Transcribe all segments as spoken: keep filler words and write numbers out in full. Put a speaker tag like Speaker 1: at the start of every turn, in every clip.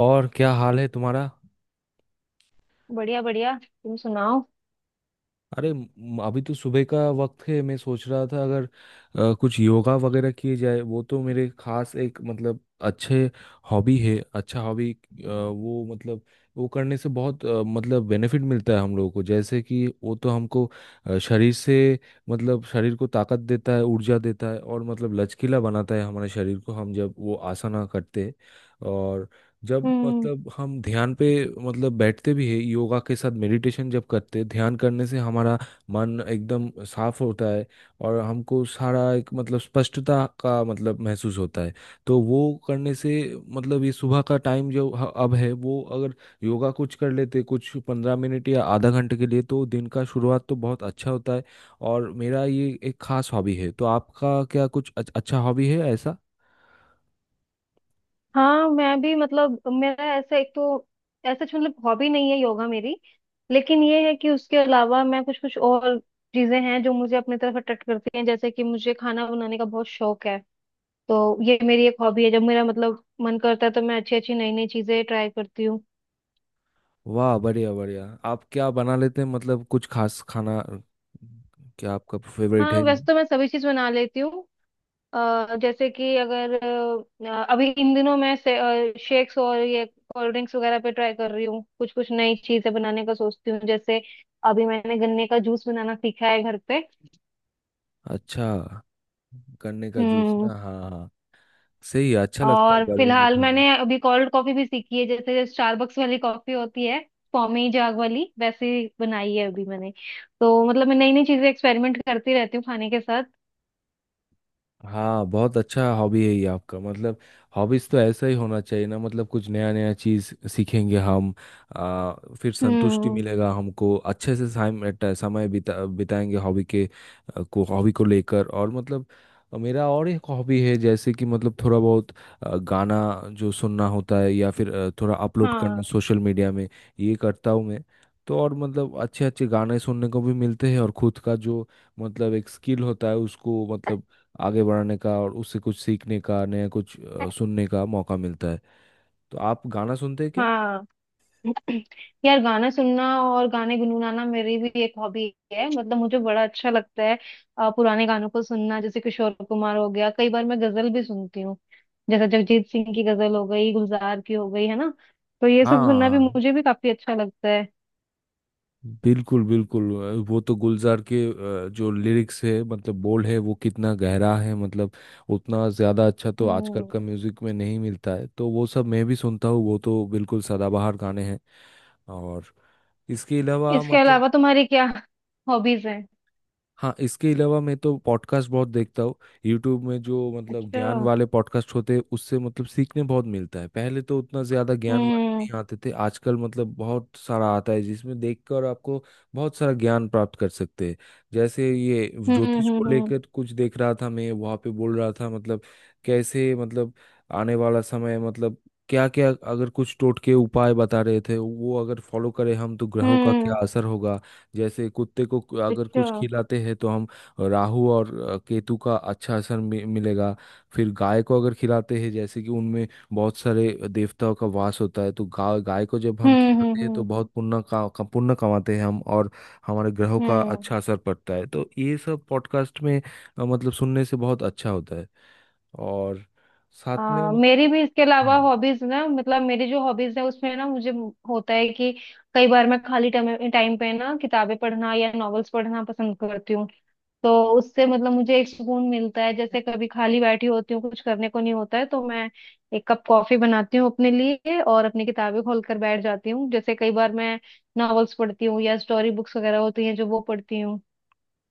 Speaker 1: और क्या हाल है तुम्हारा?
Speaker 2: बढ़िया बढ़िया, तुम सुनाओ।
Speaker 1: अरे म- अभी तो सुबह का वक्त है। मैं सोच रहा था अगर अ, कुछ योगा वगैरह किए जाए, वो तो मेरे खास एक मतलब अच्छे हॉबी है। अच्छा हॉबी वो मतलब वो करने से बहुत अ, मतलब बेनिफिट मिलता है हम लोगों को, जैसे कि वो तो हमको अ, शरीर से मतलब शरीर को ताकत देता है, ऊर्जा देता है, और मतलब लचकीला बनाता है हमारे शरीर को हम जब वो आसना करते हैं। और जब
Speaker 2: हम्म।
Speaker 1: मतलब हम ध्यान पे मतलब बैठते भी है योगा के साथ, मेडिटेशन जब करते हैं ध्यान करने से हमारा मन एकदम साफ होता है। और हमको सारा एक मतलब स्पष्टता का मतलब महसूस होता है। तो वो करने से मतलब ये सुबह का टाइम जो ह- अब है, वो अगर योगा कुछ कर लेते कुछ पंद्रह मिनट या आधा घंटे के लिए, तो दिन का शुरुआत तो बहुत अच्छा होता है। और मेरा ये एक खास हॉबी है। तो आपका क्या कुछ अच- अच्छा हॉबी है ऐसा?
Speaker 2: हाँ, मैं भी मतलब मेरा ऐसा एक तो ऐसा मतलब हॉबी नहीं है योगा मेरी। लेकिन ये है कि उसके अलावा मैं कुछ कुछ और चीजें हैं जो मुझे अपनी तरफ अट्रैक्ट करती हैं जैसे कि मुझे खाना बनाने का बहुत शौक है। तो ये मेरी एक हॉबी है। जब मेरा मतलब मन करता है तो मैं अच्छी अच्छी नई नई चीजें ट्राई करती हूँ।
Speaker 1: वाह बढ़िया बढ़िया, आप क्या बना लेते हैं मतलब कुछ खास खाना क्या आपका फेवरेट
Speaker 2: हाँ,
Speaker 1: है?
Speaker 2: वैसे तो मैं सभी चीज बना लेती हूँ। अ, जैसे कि अगर अ, अभी इन दिनों मैं शेक्स और ये कोल्ड ड्रिंक्स वगैरह पे ट्राई कर रही हूँ। कुछ कुछ नई चीजें बनाने का सोचती हूँ। जैसे अभी मैंने गन्ने का जूस बनाना सीखा है घर पे।
Speaker 1: अच्छा, गन्ने का जूस
Speaker 2: हम्म।
Speaker 1: ना, हाँ हाँ हाँ। सही है, अच्छा लगता है
Speaker 2: और
Speaker 1: गर्मी में
Speaker 2: फिलहाल
Speaker 1: खाना।
Speaker 2: मैंने अभी कोल्ड कॉफी भी सीखी है, जैसे स्टारबक्स वाली कॉफी होती है, पौमी जाग वाली, वैसे बनाई है अभी मैंने। तो मतलब मैं नई नई चीजें एक्सपेरिमेंट करती रहती हूँ खाने के साथ।
Speaker 1: हाँ बहुत अच्छा हॉबी है ये आपका। मतलब हॉबीज तो ऐसा ही होना चाहिए ना, मतलब कुछ नया नया चीज सीखेंगे हम। आ, फिर संतुष्टि
Speaker 2: हम्म।
Speaker 1: मिलेगा हमको अच्छे से, समय समय बिता बिताएंगे हॉबी के आ, को हॉबी को लेकर। और मतलब मेरा और एक हॉबी है, जैसे कि मतलब थोड़ा बहुत आ, गाना जो सुनना होता है, या फिर आ, थोड़ा अपलोड करना
Speaker 2: हाँ
Speaker 1: सोशल मीडिया में, ये करता हूँ मैं। तो और मतलब अच्छे अच्छे गाने सुनने को भी मिलते हैं, और खुद का जो मतलब एक स्किल होता है उसको मतलब आगे बढ़ने का और उससे कुछ सीखने का, नया कुछ अ, सुनने का मौका मिलता है। तो आप गाना सुनते हैं क्या?
Speaker 2: हाँ यार, गाना सुनना और गाने गुनगुनाना मेरी भी एक हॉबी है। मतलब मुझे बड़ा अच्छा लगता है अ, पुराने गानों को सुनना, जैसे किशोर कुमार हो गया। कई बार मैं गजल भी सुनती हूँ, जैसे जगजीत सिंह की गजल हो गई, गुलजार की हो गई, है ना। तो ये सब सुनना भी
Speaker 1: हाँ,
Speaker 2: मुझे भी काफी अच्छा लगता है।
Speaker 1: बिल्कुल बिल्कुल, अ, वो तो गुलजार के अ, जो लिरिक्स है मतलब बोल है वो कितना गहरा है। मतलब उतना ज़्यादा अच्छा तो आजकल
Speaker 2: हम्म।
Speaker 1: का म्यूज़िक में नहीं मिलता है, तो वो सब मैं भी सुनता हूँ। वो तो बिल्कुल सदाबहार गाने हैं। और इसके अलावा
Speaker 2: इसके
Speaker 1: मतलब
Speaker 2: अलावा तुम्हारी क्या हॉबीज हैं?
Speaker 1: हाँ इसके अलावा मैं तो पॉडकास्ट बहुत देखता हूँ। यूट्यूब में जो मतलब ज्ञान
Speaker 2: अच्छा।
Speaker 1: वाले पॉडकास्ट होते हैं उससे मतलब सीखने बहुत मिलता है। पहले तो उतना ज़्यादा ज्ञान वाले
Speaker 2: हम्म
Speaker 1: नहीं आते थे, आजकल मतलब बहुत सारा आता है, जिसमें देखकर आपको बहुत सारा ज्ञान प्राप्त कर सकते हैं। जैसे ये
Speaker 2: हम्म
Speaker 1: ज्योतिष
Speaker 2: हम्म
Speaker 1: को
Speaker 2: हम्म
Speaker 1: लेकर कुछ देख रहा था मैं, वहाँ पे बोल रहा था मतलब कैसे मतलब आने वाला समय मतलब क्या क्या, अगर कुछ टोटके उपाय बता रहे थे वो अगर फॉलो करें हम तो ग्रहों का
Speaker 2: हम्म,
Speaker 1: क्या असर होगा। जैसे कुत्ते को कु- अगर
Speaker 2: अच्छा।
Speaker 1: कुछ खिलाते हैं तो हम राहु और अ, केतु का अच्छा असर मि- मिलेगा। फिर गाय को अगर खिलाते हैं, जैसे कि उनमें बहुत सारे देवताओं का वास होता है, तो गाय गाय को जब हम
Speaker 2: हम्म हम्म
Speaker 1: खिलाते हैं तो
Speaker 2: हम्म
Speaker 1: बहुत पुण्य का, का पुण्य कमाते हैं हम, और हमारे ग्रहों का
Speaker 2: हम्म
Speaker 1: अच्छा असर पड़ता है। तो ये सब पॉडकास्ट में अ, मतलब सुनने से बहुत अच्छा होता है। और साथ में
Speaker 2: आ,
Speaker 1: मत-
Speaker 2: मेरी भी इसके अलावा
Speaker 1: हाँ
Speaker 2: हॉबीज ना, मतलब मेरी जो हॉबीज है उसमें ना मुझे होता है कि कई बार मैं खाली टाइम टाइम पे ना किताबें पढ़ना या नॉवेल्स पढ़ना पसंद करती हूँ। तो उससे मतलब मुझे एक सुकून मिलता है। जैसे कभी खाली बैठी होती हूँ, कुछ करने को नहीं होता है, तो मैं एक कप कॉफी बनाती हूँ अपने लिए और अपनी किताबें खोल कर बैठ जाती हूँ। जैसे कई बार मैं नॉवेल्स पढ़ती हूँ या स्टोरी बुक्स वगैरह होती हैं जो, वो पढ़ती हूँ।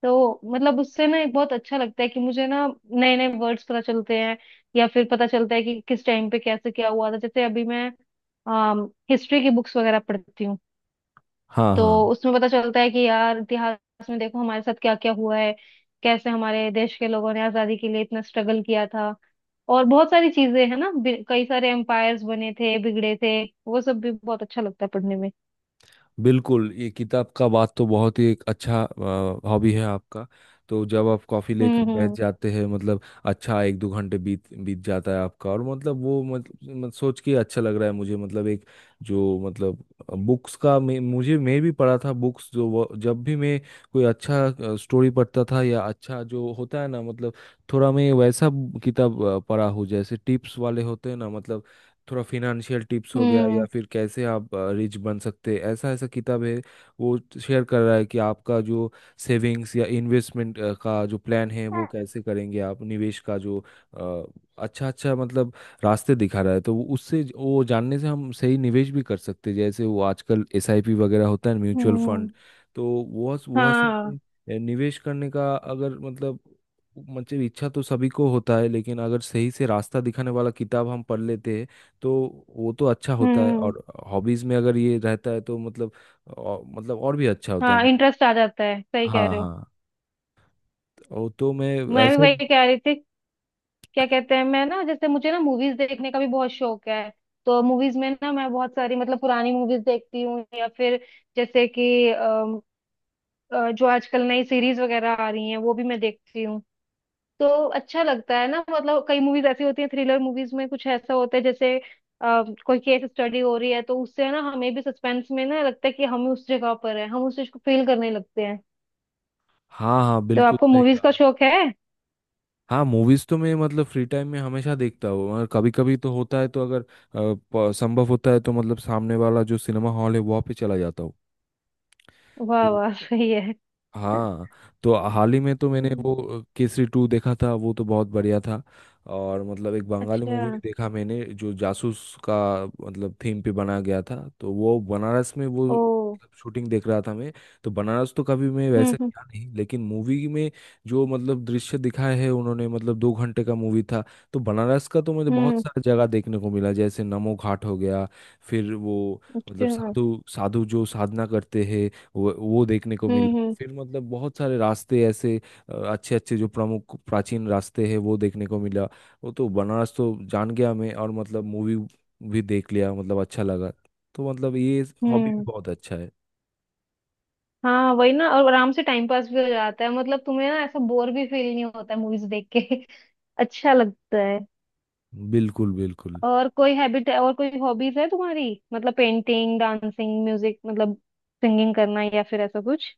Speaker 2: तो मतलब उससे ना एक बहुत अच्छा लगता है कि मुझे ना नए नए वर्ड्स पता चलते हैं, या फिर पता चलता है कि किस टाइम पे कैसे क्या हुआ था। जैसे अभी मैं हिस्ट्री की बुक्स वगैरह पढ़ती हूँ,
Speaker 1: हाँ
Speaker 2: तो
Speaker 1: हाँ।
Speaker 2: उसमें पता चलता है कि यार इतिहास में देखो हमारे साथ क्या क्या हुआ है, कैसे हमारे देश के लोगों ने आजादी के लिए इतना स्ट्रगल किया था। और बहुत सारी चीजें है ना, बि- कई सारे एम्पायर्स बने थे बिगड़े थे, वो सब भी बहुत अच्छा लगता है पढ़ने में।
Speaker 1: बिल्कुल, ये किताब का बात तो बहुत ही एक अच्छा हॉबी है आपका। तो जब आप कॉफ़ी लेकर
Speaker 2: हम्म
Speaker 1: बैठ
Speaker 2: हम्म
Speaker 1: जाते हैं मतलब अच्छा, एक दो घंटे बीत बीत जाता है आपका, और मतलब वो मतलब मत- सोच के अच्छा लग रहा है मुझे। मतलब एक जो मतलब बुक्स का मैं, मुझे मैं भी पढ़ा था बुक्स, जो वो जब भी मैं कोई अच्छा स्टोरी पढ़ता था या अच्छा जो होता है ना, मतलब थोड़ा मैं वैसा किताब अ, पढ़ा हूँ। जैसे टिप्स वाले होते हैं ना, मतलब थोड़ा फिनेंशियल टिप्स हो गया, या
Speaker 2: हम्म
Speaker 1: फिर कैसे आप रिच बन सकते हैं, ऐसा ऐसा किताब है। वो शेयर कर रहा है कि आपका जो सेविंग्स या इन्वेस्टमेंट का जो प्लान है वो कैसे करेंगे आप, निवेश का जो अच्छा अच्छा मतलब रास्ते दिखा रहा है। तो वो- उससे ज- वो जानने से हम सही निवेश भी कर सकते हैं। जैसे वो आजकल एस आई पी वगैरह होता है,
Speaker 2: हम्म
Speaker 1: म्यूचुअल फंड,
Speaker 2: हम्म,
Speaker 1: तो वह वह सब
Speaker 2: हाँ।
Speaker 1: पे निवेश करने का अगर मतलब मतलब इच्छा तो सभी को होता है, लेकिन अगर सही से रास्ता दिखाने वाला किताब हम पढ़ लेते हैं तो वो तो अच्छा होता है।
Speaker 2: हम्म।
Speaker 1: और हॉबीज में अगर ये रहता है तो मतलब और, मतलब और भी अच्छा होता है
Speaker 2: हाँ,
Speaker 1: मतलब।
Speaker 2: इंटरेस्ट आ जाता है, सही कह
Speaker 1: हाँ
Speaker 2: रहे हो।
Speaker 1: हाँ, ओ तो मैं
Speaker 2: मैं भी
Speaker 1: ऐसे
Speaker 2: वही
Speaker 1: ही।
Speaker 2: कह रही थी। क्या कहते हैं, मैं ना जैसे मुझे ना मूवीज देखने का भी बहुत शौक है। तो मूवीज में ना मैं बहुत सारी मतलब पुरानी मूवीज देखती हूँ, या फिर जैसे कि अम, अ, जो आजकल नई सीरीज वगैरह आ रही हैं वो भी मैं देखती हूँ। तो अच्छा लगता है ना। मतलब कई मूवीज ऐसी होती हैं, थ्रिलर मूवीज में कुछ ऐसा होता है जैसे अ, कोई केस स्टडी हो रही है, तो उससे ना हमें भी सस्पेंस में ना लगता है कि हम उस जगह पर है, हम उस चीज को फील करने लगते हैं।
Speaker 1: हाँ हाँ,
Speaker 2: तो
Speaker 1: बिल्कुल
Speaker 2: आपको
Speaker 1: सही
Speaker 2: मूवीज का
Speaker 1: कहा।
Speaker 2: शौक है?
Speaker 1: हाँ, मूवीज तो मैं मतलब फ्री टाइम में हमेशा देखता हूँ, और कभी कभी तो होता है तो अगर अ, प- संभव होता है तो मतलब सामने वाला जो सिनेमा हॉल है वहाँ पे चला जाता हूँ।
Speaker 2: वाह
Speaker 1: तो
Speaker 2: वाह, सही है।
Speaker 1: हाँ, तो हाल ही में तो मैंने
Speaker 2: हम्म।
Speaker 1: वो केसरी टू देखा था, वो तो बहुत बढ़िया था। और मतलब एक बंगाली
Speaker 2: अच्छा।
Speaker 1: मूवी भी देखा मैंने, जो जासूस का मतलब थीम पे बना गया था, तो वो बनारस में वो
Speaker 2: ओ।
Speaker 1: शूटिंग देख रहा था मैं। तो बनारस तो कभी मैं
Speaker 2: हम्म
Speaker 1: वैसे
Speaker 2: हम्म
Speaker 1: गया नहीं, लेकिन मूवी में जो मतलब दृश्य दिखाए है उन्होंने, मतलब दो घंटे का मूवी था, तो बनारस का तो मुझे बहुत
Speaker 2: हम्म,
Speaker 1: सारा जगह देखने को मिला। जैसे नमो घाट हो गया, फिर वो मतलब
Speaker 2: अच्छा।
Speaker 1: साधु साधु जो साधना करते हैं वो वो देखने को मिला,
Speaker 2: हम्म हम्म
Speaker 1: फिर मतलब बहुत सारे रास्ते ऐसे अच्छे अच्छे जो प्रमुख प्राचीन रास्ते हैं वो देखने को मिला। वो तो बनारस तो जान गया मैं, और मतलब मूवी भी देख लिया, मतलब अच्छा लगा। तो मतलब ये हॉबी भी
Speaker 2: हम्म
Speaker 1: बहुत अच्छा है।
Speaker 2: हाँ वही ना, और आराम से टाइम पास भी हो जाता है। मतलब तुम्हें ना ऐसा बोर भी फील नहीं होता है मूवीज देख के। अच्छा लगता है।
Speaker 1: बिल्कुल बिल्कुल।
Speaker 2: और कोई हैबिट है, और कोई हॉबीज है तुम्हारी? मतलब पेंटिंग, डांसिंग, म्यूजिक, मतलब सिंगिंग करना या फिर ऐसा कुछ?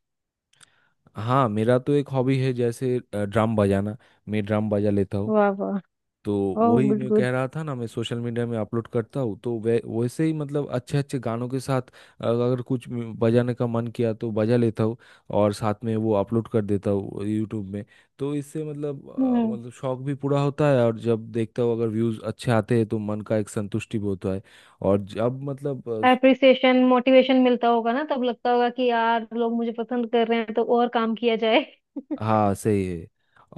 Speaker 1: हाँ, मेरा तो एक हॉबी है जैसे अ, ड्रम बजाना, मैं ड्रम बजा लेता हूँ।
Speaker 2: वाह वाह।
Speaker 1: तो
Speaker 2: ओह
Speaker 1: वही
Speaker 2: गुड
Speaker 1: मैं
Speaker 2: गुड।
Speaker 1: कह रहा था ना, मैं सोशल मीडिया में अपलोड करता हूँ, तो वै वैसे ही मतलब अच्छे अच्छे गानों के साथ अगर कुछ म्यू- बजाने का मन किया तो बजा लेता हूँ, और साथ में वो अपलोड कर देता हूँ यूट्यूब में। तो इससे मतलब अ,
Speaker 2: हम्म।
Speaker 1: मतलब शौक भी पूरा होता है, और जब देखता हूँ अगर व्यूज़ अच्छे आते हैं तो मन का एक संतुष्टि भी होता है। और जब मतलब
Speaker 2: एप्रिसिएशन, मोटिवेशन मिलता होगा ना, तब लगता होगा कि यार लोग मुझे पसंद कर रहे हैं, तो और काम किया जाए।
Speaker 1: हाँ सही है,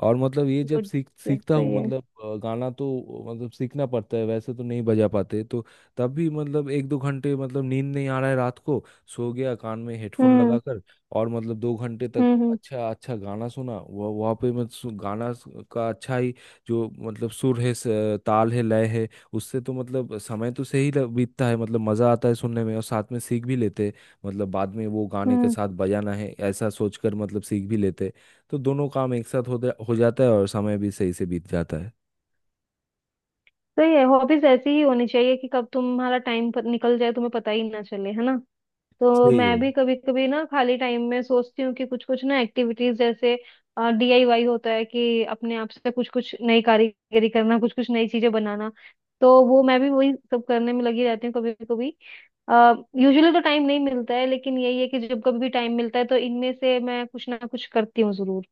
Speaker 1: और मतलब ये जब
Speaker 2: गुड।
Speaker 1: सीख
Speaker 2: गुड,
Speaker 1: सीखता हूँ
Speaker 2: सही है।
Speaker 1: मतलब अ, गाना, तो मतलब सीखना पड़ता है, वैसे तो नहीं बजा पाते। तो तब भी मतलब एक दो घंटे, मतलब नींद नहीं आ रहा है रात को, सो गया कान में हेडफोन
Speaker 2: हम्म
Speaker 1: लगाकर, और मतलब दो घंटे तक
Speaker 2: हम्म हम्म
Speaker 1: अच्छा अच्छा गाना सुना। वह वहाँ पे मैं सु- गाना सु- का अच्छा ही जो मतलब सुर है, स- ताल है, लय है, उससे तो मतलब समय तो सही ल- बीतता है। मतलब मज़ा आता है सुनने में, और साथ में सीख भी लेते हैं, मतलब बाद में वो गाने के
Speaker 2: हम्म
Speaker 1: साथ बजाना है ऐसा सोचकर मतलब सीख भी लेते हैं। तो दोनों काम एक साथ होते हो जाता है, और समय भी सही से बीत जाता है।
Speaker 2: सही है, हॉबीज ऐसी ही होनी चाहिए कि कब तुम्हारा टाइम निकल जाए तुम्हें पता ही ना चले, है ना। तो
Speaker 1: सही है।
Speaker 2: मैं भी कभी कभी ना खाली टाइम में सोचती हूँ कि कुछ कुछ ना एक्टिविटीज, जैसे डीआईवाई होता है कि अपने आप से कुछ कुछ नई कारीगरी करना, कुछ कुछ नई चीजें बनाना। तो वो मैं भी वही सब करने में लगी रहती हूँ कभी कभी। यूजुअली तो टाइम नहीं मिलता है, लेकिन यही है कि जब कभी भी टाइम मिलता है तो इनमें से मैं कुछ ना कुछ करती हूँ जरूर।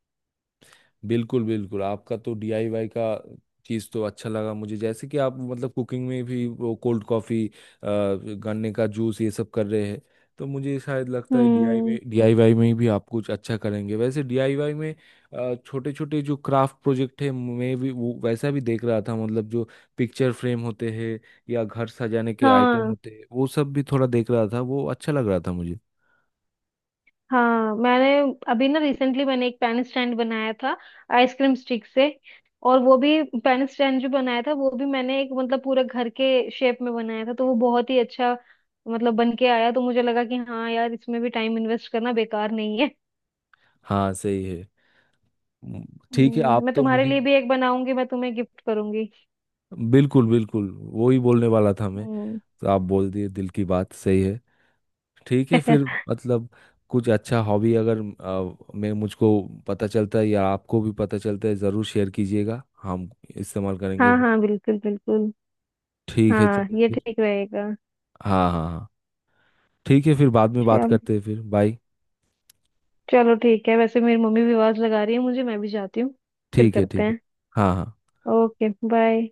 Speaker 1: बिल्कुल बिल्कुल, आपका तो डी आई वाई का चीज़ तो अच्छा लगा मुझे, जैसे कि आप मतलब कुकिंग में भी वो कोल्ड कॉफ़ी, गन्ने का जूस, ये सब कर रहे हैं। तो मुझे शायद लगता है
Speaker 2: हम्म।
Speaker 1: D I Y, D I Y में भी आप कुछ अच्छा करेंगे। वैसे डी आई वाई में छोटे छोटे जो क्राफ्ट प्रोजेक्ट है मैं भी वो वैसा भी देख रहा था, मतलब जो पिक्चर फ्रेम होते हैं या घर सजाने के आइटम
Speaker 2: हाँ
Speaker 1: होते हैं, वो सब भी थोड़ा देख रहा था, वो अच्छा लग रहा था मुझे।
Speaker 2: हाँ मैंने अभी ना रिसेंटली मैंने एक पेन स्टैंड बनाया था, आइसक्रीम स्टिक से। और वो भी पेन स्टैंड जो बनाया था वो भी मैंने एक मतलब पूरा घर के शेप में बनाया था। तो वो बहुत ही अच्छा मतलब बन के आया, तो मुझे लगा कि हाँ यार इसमें भी टाइम इन्वेस्ट करना बेकार नहीं है।
Speaker 1: हाँ, सही है। म, ठीक है,
Speaker 2: हम्म,
Speaker 1: आप
Speaker 2: मैं
Speaker 1: तो
Speaker 2: तुम्हारे
Speaker 1: मुझे
Speaker 2: लिए भी एक बनाऊंगी, मैं तुम्हें गिफ्ट करूंगी।
Speaker 1: बिल्कुल बिल्कुल वो ही बोलने वाला था मैं।
Speaker 2: हम्म।
Speaker 1: तो आप बोल दिए दिल की बात, सही है। ठीक है फिर, मतलब कुछ अच्छा हॉबी अगर अ, मैं मुझको पता चलता है या आपको भी पता चलता है, ज़रूर शेयर कीजिएगा, हम इस्तेमाल करेंगे
Speaker 2: हाँ
Speaker 1: वो।
Speaker 2: हाँ बिल्कुल बिल्कुल।
Speaker 1: ठीक है
Speaker 2: हाँ
Speaker 1: चलिए
Speaker 2: ये
Speaker 1: फिर।
Speaker 2: ठीक रहेगा।
Speaker 1: हाँ हाँ हाँ, ठीक है फिर, बाद में बात
Speaker 2: चल
Speaker 1: करते हैं, फिर बाय।
Speaker 2: चलो ठीक है, वैसे मेरी मम्मी भी आवाज लगा रही है मुझे, मैं भी जाती हूँ। फिर
Speaker 1: ठीक है
Speaker 2: करते
Speaker 1: ठीक है।
Speaker 2: हैं।
Speaker 1: हाँ हाँ।
Speaker 2: Okay bye.